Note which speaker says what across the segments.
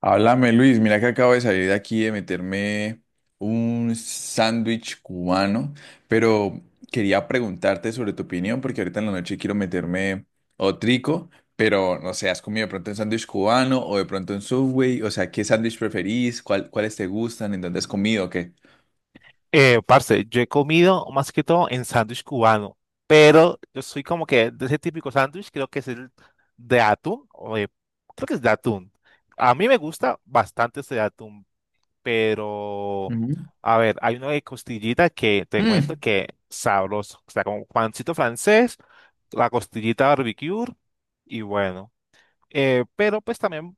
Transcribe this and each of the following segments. Speaker 1: Háblame, Luis. Mira que acabo de salir de aquí de meterme un sándwich cubano, pero quería preguntarte sobre tu opinión porque ahorita en la noche quiero meterme otrico, pero no sé, ¿has comido de pronto un sándwich cubano o de pronto un Subway? O sea, ¿qué sándwich preferís? ¿Cuáles te gustan? ¿En dónde has comido o qué?
Speaker 2: Parce, yo he comido más que todo en sándwich cubano, pero yo soy como que de ese típico sándwich, creo que es el de atún, creo que es de atún. A mí me gusta bastante ese de atún, pero
Speaker 1: Ujú.
Speaker 2: a ver, hay uno de costillita que te cuento
Speaker 1: Mm,
Speaker 2: que sabroso, o sea, como pancito francés, la costillita barbecue y bueno, pero pues también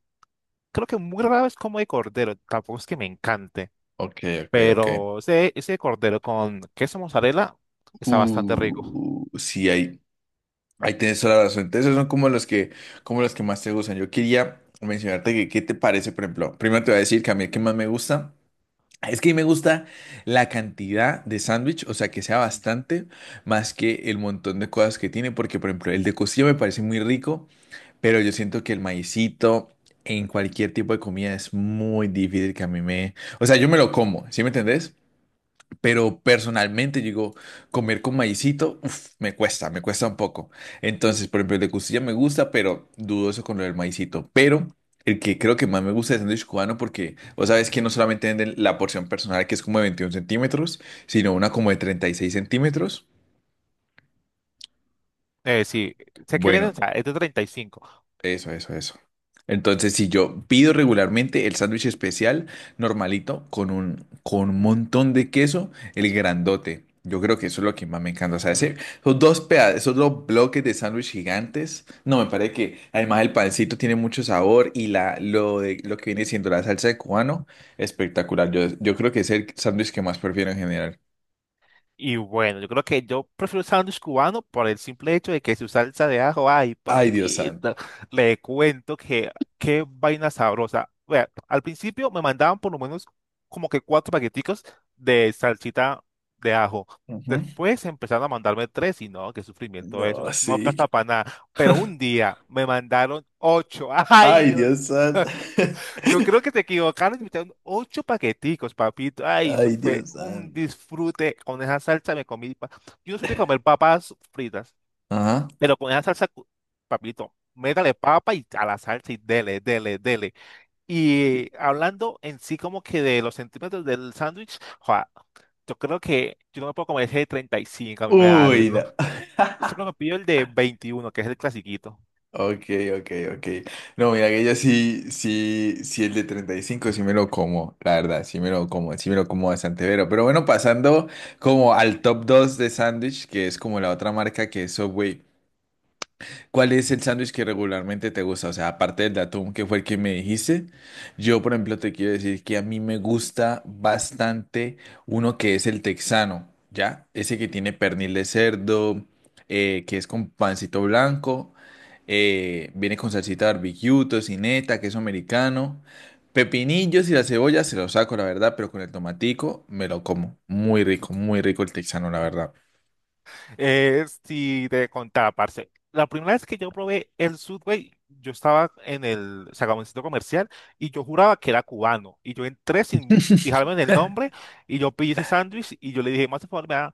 Speaker 2: creo que muy raro es como de cordero, tampoco es que me encante.
Speaker 1: ok, ok, ok.
Speaker 2: Pero ese cordero con queso mozzarella está bastante rico.
Speaker 1: Sí, hay. Ahí tienes toda la razón. Entonces, esos son como los que más te gustan. Yo quería mencionarte que, qué te parece, por ejemplo. Primero te voy a decir que a mí el que más me gusta es que a mí me gusta la cantidad de sándwich, o sea, que sea bastante más que el montón de cosas que tiene, porque, por ejemplo, el de costilla me parece muy rico, pero yo siento que el maicito en cualquier tipo de comida es muy difícil que a mí me. O sea, yo me lo como, ¿sí me entendés? Pero personalmente, digo, comer con maicito, uf, me cuesta un poco. Entonces, por ejemplo, el de costilla me gusta, pero dudoso con lo del maicito. Pero el que creo que más me gusta es el sándwich cubano porque vos sabes que no solamente venden la porción personal, que es como de 21 centímetros, sino una como de 36 centímetros.
Speaker 2: Sí, sé que viene, o
Speaker 1: Bueno,
Speaker 2: sea, es de 35.
Speaker 1: eso, eso, eso. Entonces, si yo pido regularmente el sándwich especial normalito con un montón de queso, el grandote. Yo creo que eso es lo que más me encanta. O sea, esos dos bloques de sándwich gigantes. No, me parece que además el pancito tiene mucho sabor y lo que viene siendo la salsa de cubano, espectacular. Yo creo que es el sándwich que más prefiero en general.
Speaker 2: Y bueno, yo creo que yo prefiero el sándwich cubano por el simple hecho de que su salsa de ajo, ay,
Speaker 1: Ay, Dios santo.
Speaker 2: papita, le cuento que qué vaina sabrosa. Vea, al principio me mandaban por lo menos como que cuatro paqueticos de salsita de ajo.
Speaker 1: Ujú.
Speaker 2: Después empezaron a mandarme tres y no, qué sufrimiento es,
Speaker 1: No,
Speaker 2: no alcanza
Speaker 1: sí.
Speaker 2: para nada. Pero un día me mandaron ocho. Ay,
Speaker 1: Ay, Dios
Speaker 2: Dios.
Speaker 1: santo.
Speaker 2: Yo creo que te equivocaron y metieron ocho paqueticos, papito. Ay, eso
Speaker 1: Ay,
Speaker 2: fue
Speaker 1: Dios
Speaker 2: un
Speaker 1: santo.
Speaker 2: disfrute. Con esa salsa me comí. Yo no soy de comer papas fritas,
Speaker 1: Ajá.
Speaker 2: pero con esa salsa, papito, métale papa y a la salsa y dele, dele, dele. Y hablando en sí como que de los centímetros del sándwich, joa, yo creo que yo no me puedo comer ese de 35, a mí me da
Speaker 1: Uy,
Speaker 2: algo.
Speaker 1: no.
Speaker 2: Yo siempre me pido el de 21 que es el clasiquito.
Speaker 1: Ok, ok, ok. No, mira que yo sí, sí, sí el de 35, sí me lo como, la verdad, sí me lo como, sí me lo como bastante pero. Pero bueno, pasando como al top 2 de sándwich, que es como la otra marca que es Subway. ¿Cuál es el sándwich que regularmente te gusta? O sea, aparte del de atún, que fue el que me dijiste, yo, por ejemplo, te quiero decir que a mí me gusta bastante uno que es el texano, ¿ya? Ese que tiene pernil de cerdo, que es con pancito blanco, viene con salsita barbecue, tocineta, queso americano, pepinillos y la cebolla se los saco, la verdad, pero con el tomatico me lo como. Muy rico el texano, la verdad.
Speaker 2: Si te contaba, parce. La primera vez que yo probé el Subway, yo estaba en el, o sea, como en el centro comercial y yo juraba que era cubano. Y yo entré sin fijarme en el nombre y yo pedí ese sándwich y yo le dije, más de favor, me da,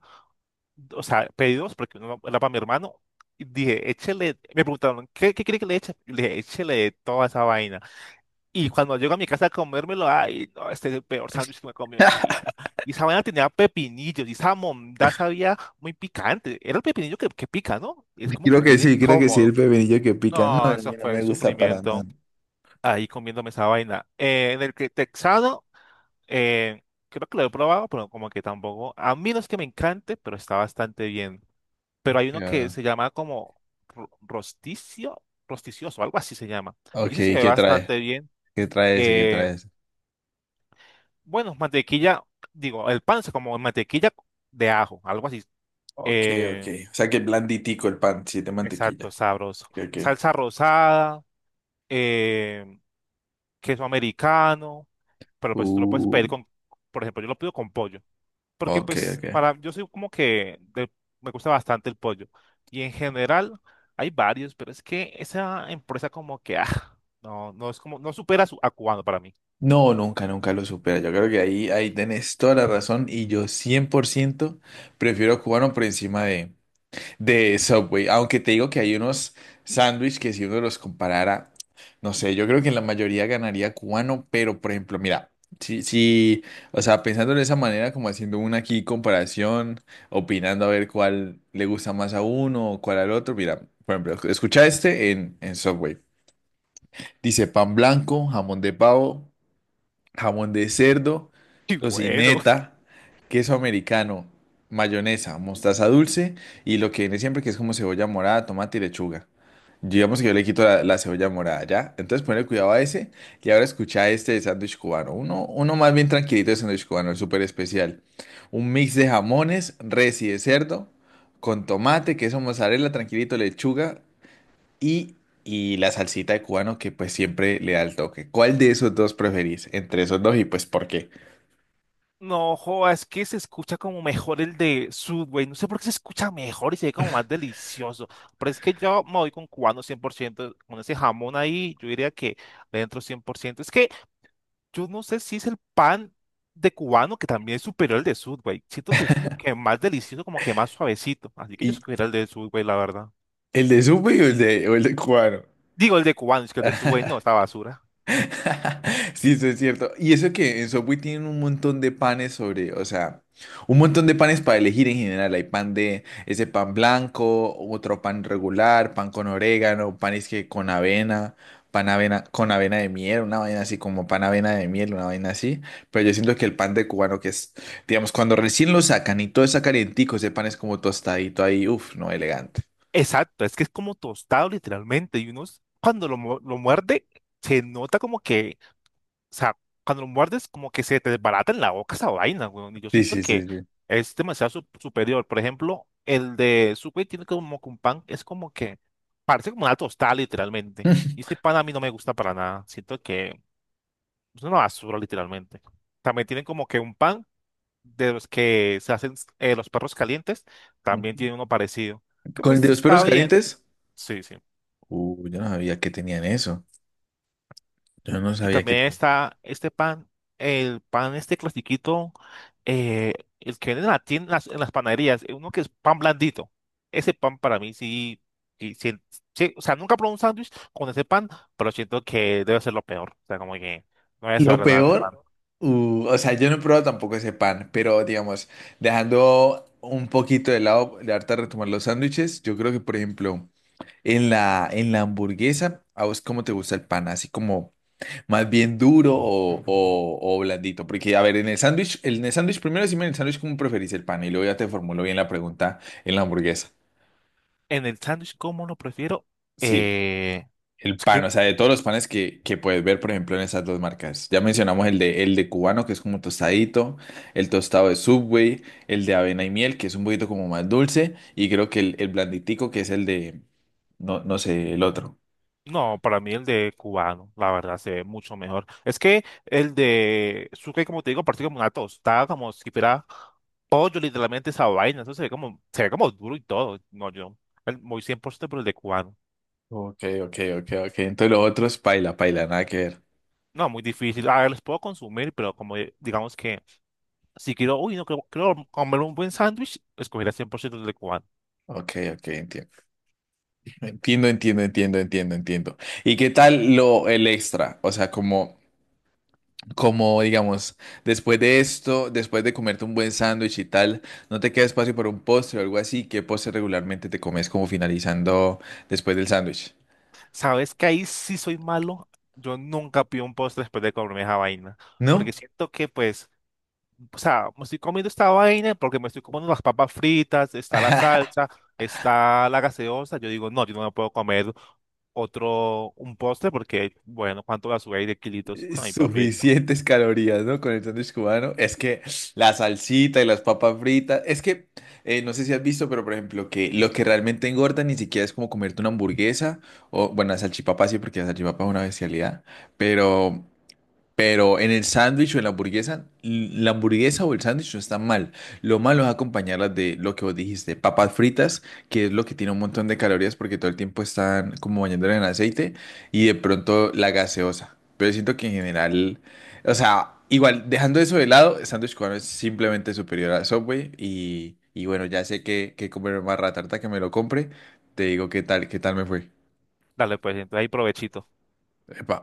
Speaker 2: o sea, pedí dos porque uno era para mi hermano. Y dije, échele. Me preguntaron, ¿qué quiere que le eche? Y le dije, échele toda esa vaina. Y cuando llego a mi casa a comérmelo, ay, no, este es el peor sándwich que me he comido en mi vida. Y esa vaina tenía pepinillos, y esa mondá sabía muy picante. Era el pepinillo que pica, ¿no? Y es como que
Speaker 1: Creo que
Speaker 2: bien
Speaker 1: sí, creo que sí, el
Speaker 2: incómodo.
Speaker 1: pepinillo que pica. No,
Speaker 2: No,
Speaker 1: a
Speaker 2: eso
Speaker 1: mí no
Speaker 2: fue
Speaker 1: me gusta para nada.
Speaker 2: sufrimiento ahí comiéndome esa vaina. En el que texano, eh, creo que lo he probado, pero como que tampoco. A mí no es que me encante, pero está bastante bien. Pero hay uno que
Speaker 1: Ya.
Speaker 2: se llama como ro- rosticio, rosticioso, algo así se llama.
Speaker 1: Ok,
Speaker 2: Y ese se ve
Speaker 1: ¿qué trae?
Speaker 2: bastante bien.
Speaker 1: ¿Qué trae ese? ¿Qué
Speaker 2: Eh,
Speaker 1: trae ese?
Speaker 2: Bueno, mantequilla, digo, el pan es como mantequilla de ajo, algo así.
Speaker 1: Ok, ok.
Speaker 2: Eh,
Speaker 1: O sea que blanditico el pan, sí, de
Speaker 2: exacto,
Speaker 1: mantequilla.
Speaker 2: sabroso.
Speaker 1: Ok.
Speaker 2: Salsa rosada, eh, queso americano, pero pues tú lo puedes
Speaker 1: Uh,
Speaker 2: pedir con, por ejemplo, yo lo pido con pollo, porque
Speaker 1: Ok,
Speaker 2: pues
Speaker 1: ok.
Speaker 2: para, yo soy como que me gusta bastante el pollo. Y en general hay varios, pero es que esa empresa como que, ah, no, no es como, no supera su, a cubano para mí.
Speaker 1: No, nunca, nunca lo supera. Yo creo que ahí, ahí tenés toda la razón y yo 100% prefiero cubano por encima de Subway, aunque te digo que hay unos sándwiches que si uno los comparara, no sé, yo creo que en la mayoría ganaría cubano, pero por ejemplo, mira, si, si, o sea, pensando de esa manera, como haciendo una aquí comparación, opinando a ver cuál le gusta más a uno o cuál al otro, mira, por ejemplo, escucha este en, Subway. Dice pan blanco, jamón de pavo, jamón de cerdo,
Speaker 2: Y bueno.
Speaker 1: tocineta, queso americano, mayonesa, mostaza dulce y lo que viene siempre que es como cebolla morada, tomate y lechuga. Digamos que yo le quito la cebolla morada, ¿ya? Entonces ponle cuidado a ese y ahora escucha este de sándwich cubano. Uno más bien tranquilito de sándwich cubano, el súper especial. Un mix de jamones, res y de cerdo, con tomate, queso mozzarella, tranquilito, lechuga y, y la salsita de cubano que pues siempre le da el toque. ¿Cuál de esos dos preferís? Entre esos dos y pues ¿por qué?
Speaker 2: No, joa, es que se escucha como mejor el de Subway. No sé por qué se escucha mejor y se ve como más delicioso. Pero es que yo me voy con cubano 100%. Con ese jamón ahí, yo diría que le entro 100%. Es que yo no sé si es el pan de cubano que también es superior al de Subway. Siento que es como que más delicioso, como que más suavecito. Así que yo
Speaker 1: ¿Y
Speaker 2: escogería el de Subway, la verdad.
Speaker 1: el de supe o o el de cubano?
Speaker 2: Digo, el de cubano, es que el de Subway no, esta basura.
Speaker 1: Sí, eso es cierto. Y eso que en Subway tienen un montón de panes sobre, o sea, un montón de panes para elegir en general. Hay pan de ese pan blanco, otro pan regular, pan con orégano, panes que con avena, pan avena con avena de miel, una vaina así como pan avena de miel, una vaina así. Pero yo siento que el pan de cubano que es, digamos, cuando recién lo sacan y todo está calientico, ese pan es como tostadito ahí, uff, no, elegante.
Speaker 2: Exacto, es que es como tostado literalmente. Y uno cuando lo muerde, se nota como que, o sea, cuando lo muerdes, como que se te desbarata en la boca esa vaina, güey. Y yo
Speaker 1: Sí,
Speaker 2: siento
Speaker 1: sí, sí,
Speaker 2: que
Speaker 1: sí.
Speaker 2: es demasiado superior. Por ejemplo, el de Subway tiene como que un pan, es como que parece como una tostada, literalmente. Y ese pan a mí no me gusta para nada. Siento que es una basura, literalmente. También tienen como que un pan de los que se hacen los perros calientes. También tiene uno parecido. Que
Speaker 1: ¿Con el de
Speaker 2: pues
Speaker 1: los
Speaker 2: está
Speaker 1: perros
Speaker 2: bien.
Speaker 1: calientes?
Speaker 2: Sí, sí.
Speaker 1: Yo no sabía que tenían eso. Yo no
Speaker 2: Y
Speaker 1: sabía que
Speaker 2: también
Speaker 1: tenía.
Speaker 2: está este pan, el pan este clasiquito, eh, el que venden en en las panaderías, uno que es pan blandito. Ese pan para mí sí, sí, sí- sí, o sea, nunca probé un sándwich con ese pan, pero siento que debe ser lo peor. O sea, como que no voy a saber
Speaker 1: Lo
Speaker 2: nada de ese pan.
Speaker 1: peor, o sea, yo no he probado tampoco ese pan, pero digamos, dejando un poquito de lado, de harta retomar los sándwiches, yo creo que, por ejemplo, en la hamburguesa, ¿a vos cómo te gusta el pan? ¿Así como más bien duro o blandito? Porque, a ver, en el sándwich, primero decime en el sándwich cómo preferís el pan y luego ya te formulo bien la pregunta en la hamburguesa.
Speaker 2: En el sándwich, ¿cómo lo prefiero?
Speaker 1: Sí.
Speaker 2: Eh,
Speaker 1: El
Speaker 2: es
Speaker 1: pan, o
Speaker 2: que
Speaker 1: sea, de todos los panes que puedes ver, por ejemplo, en esas dos marcas. Ya mencionamos el de cubano, que es como tostadito, el tostado de Subway, el de avena y miel, que es un poquito como más dulce, y creo que el blanditico, que es el de, no, no sé, el otro.
Speaker 2: No, para mí el de cubano, la verdad, se ve mucho mejor. Es que el de suque, como te digo, parece como una tostada, como si fuera pollo, literalmente esa vaina. Eso se ve como duro y todo. No, yo muy 100% por el de cubano.
Speaker 1: Ok, ok, ok, ok. Entonces lo otro es paila, paila, nada que ver.
Speaker 2: No, muy difícil. A ver, los puedo consumir, pero como digamos que si quiero, uy, no quiero, quiero comer un buen sándwich, escogería 100% el de cubano.
Speaker 1: Ok, ok, entiendo. Entiendo, entiendo, entiendo, entiendo, entiendo. ¿Y qué tal lo, el extra? O sea, como... Como, digamos, después de esto, después de comerte un buen sándwich y tal, no te queda espacio para un postre o algo así. ¿Qué postre regularmente te comes como finalizando después del sándwich?
Speaker 2: ¿Sabes que ahí sí soy malo? Yo nunca pido un postre después de comerme esa vaina. Porque
Speaker 1: ¿No?
Speaker 2: siento que, pues, o sea, me estoy comiendo esta vaina porque me estoy comiendo las papas fritas, está la salsa, está la gaseosa. Yo digo, no, yo no me puedo comer otro, un postre, porque, bueno, ¿cuánto va a subir de kilitos? Ay, papito.
Speaker 1: Suficientes calorías, ¿no? Con el sándwich cubano. Es que la salsita y las papas fritas. Es que no sé si has visto, pero por ejemplo, que lo que realmente engorda ni siquiera es como comerte una hamburguesa o, bueno, la salchipapa sí, porque la salchipapa es una bestialidad. Pero. Pero en el sándwich o en la hamburguesa, la hamburguesa o el sándwich no están mal. Lo malo es acompañarlas de lo que vos dijiste, papas fritas, que es lo que tiene un montón de calorías porque todo el tiempo están como bañándola en aceite, y de pronto la gaseosa. Pero siento que en general, o sea, igual, dejando eso de lado, el sándwich cubano es simplemente superior a Subway y bueno, ya sé que comer más ratarta que me lo compre. Te digo qué tal me fue.
Speaker 2: Dale, pues, entonces ahí provechito.
Speaker 1: Epa.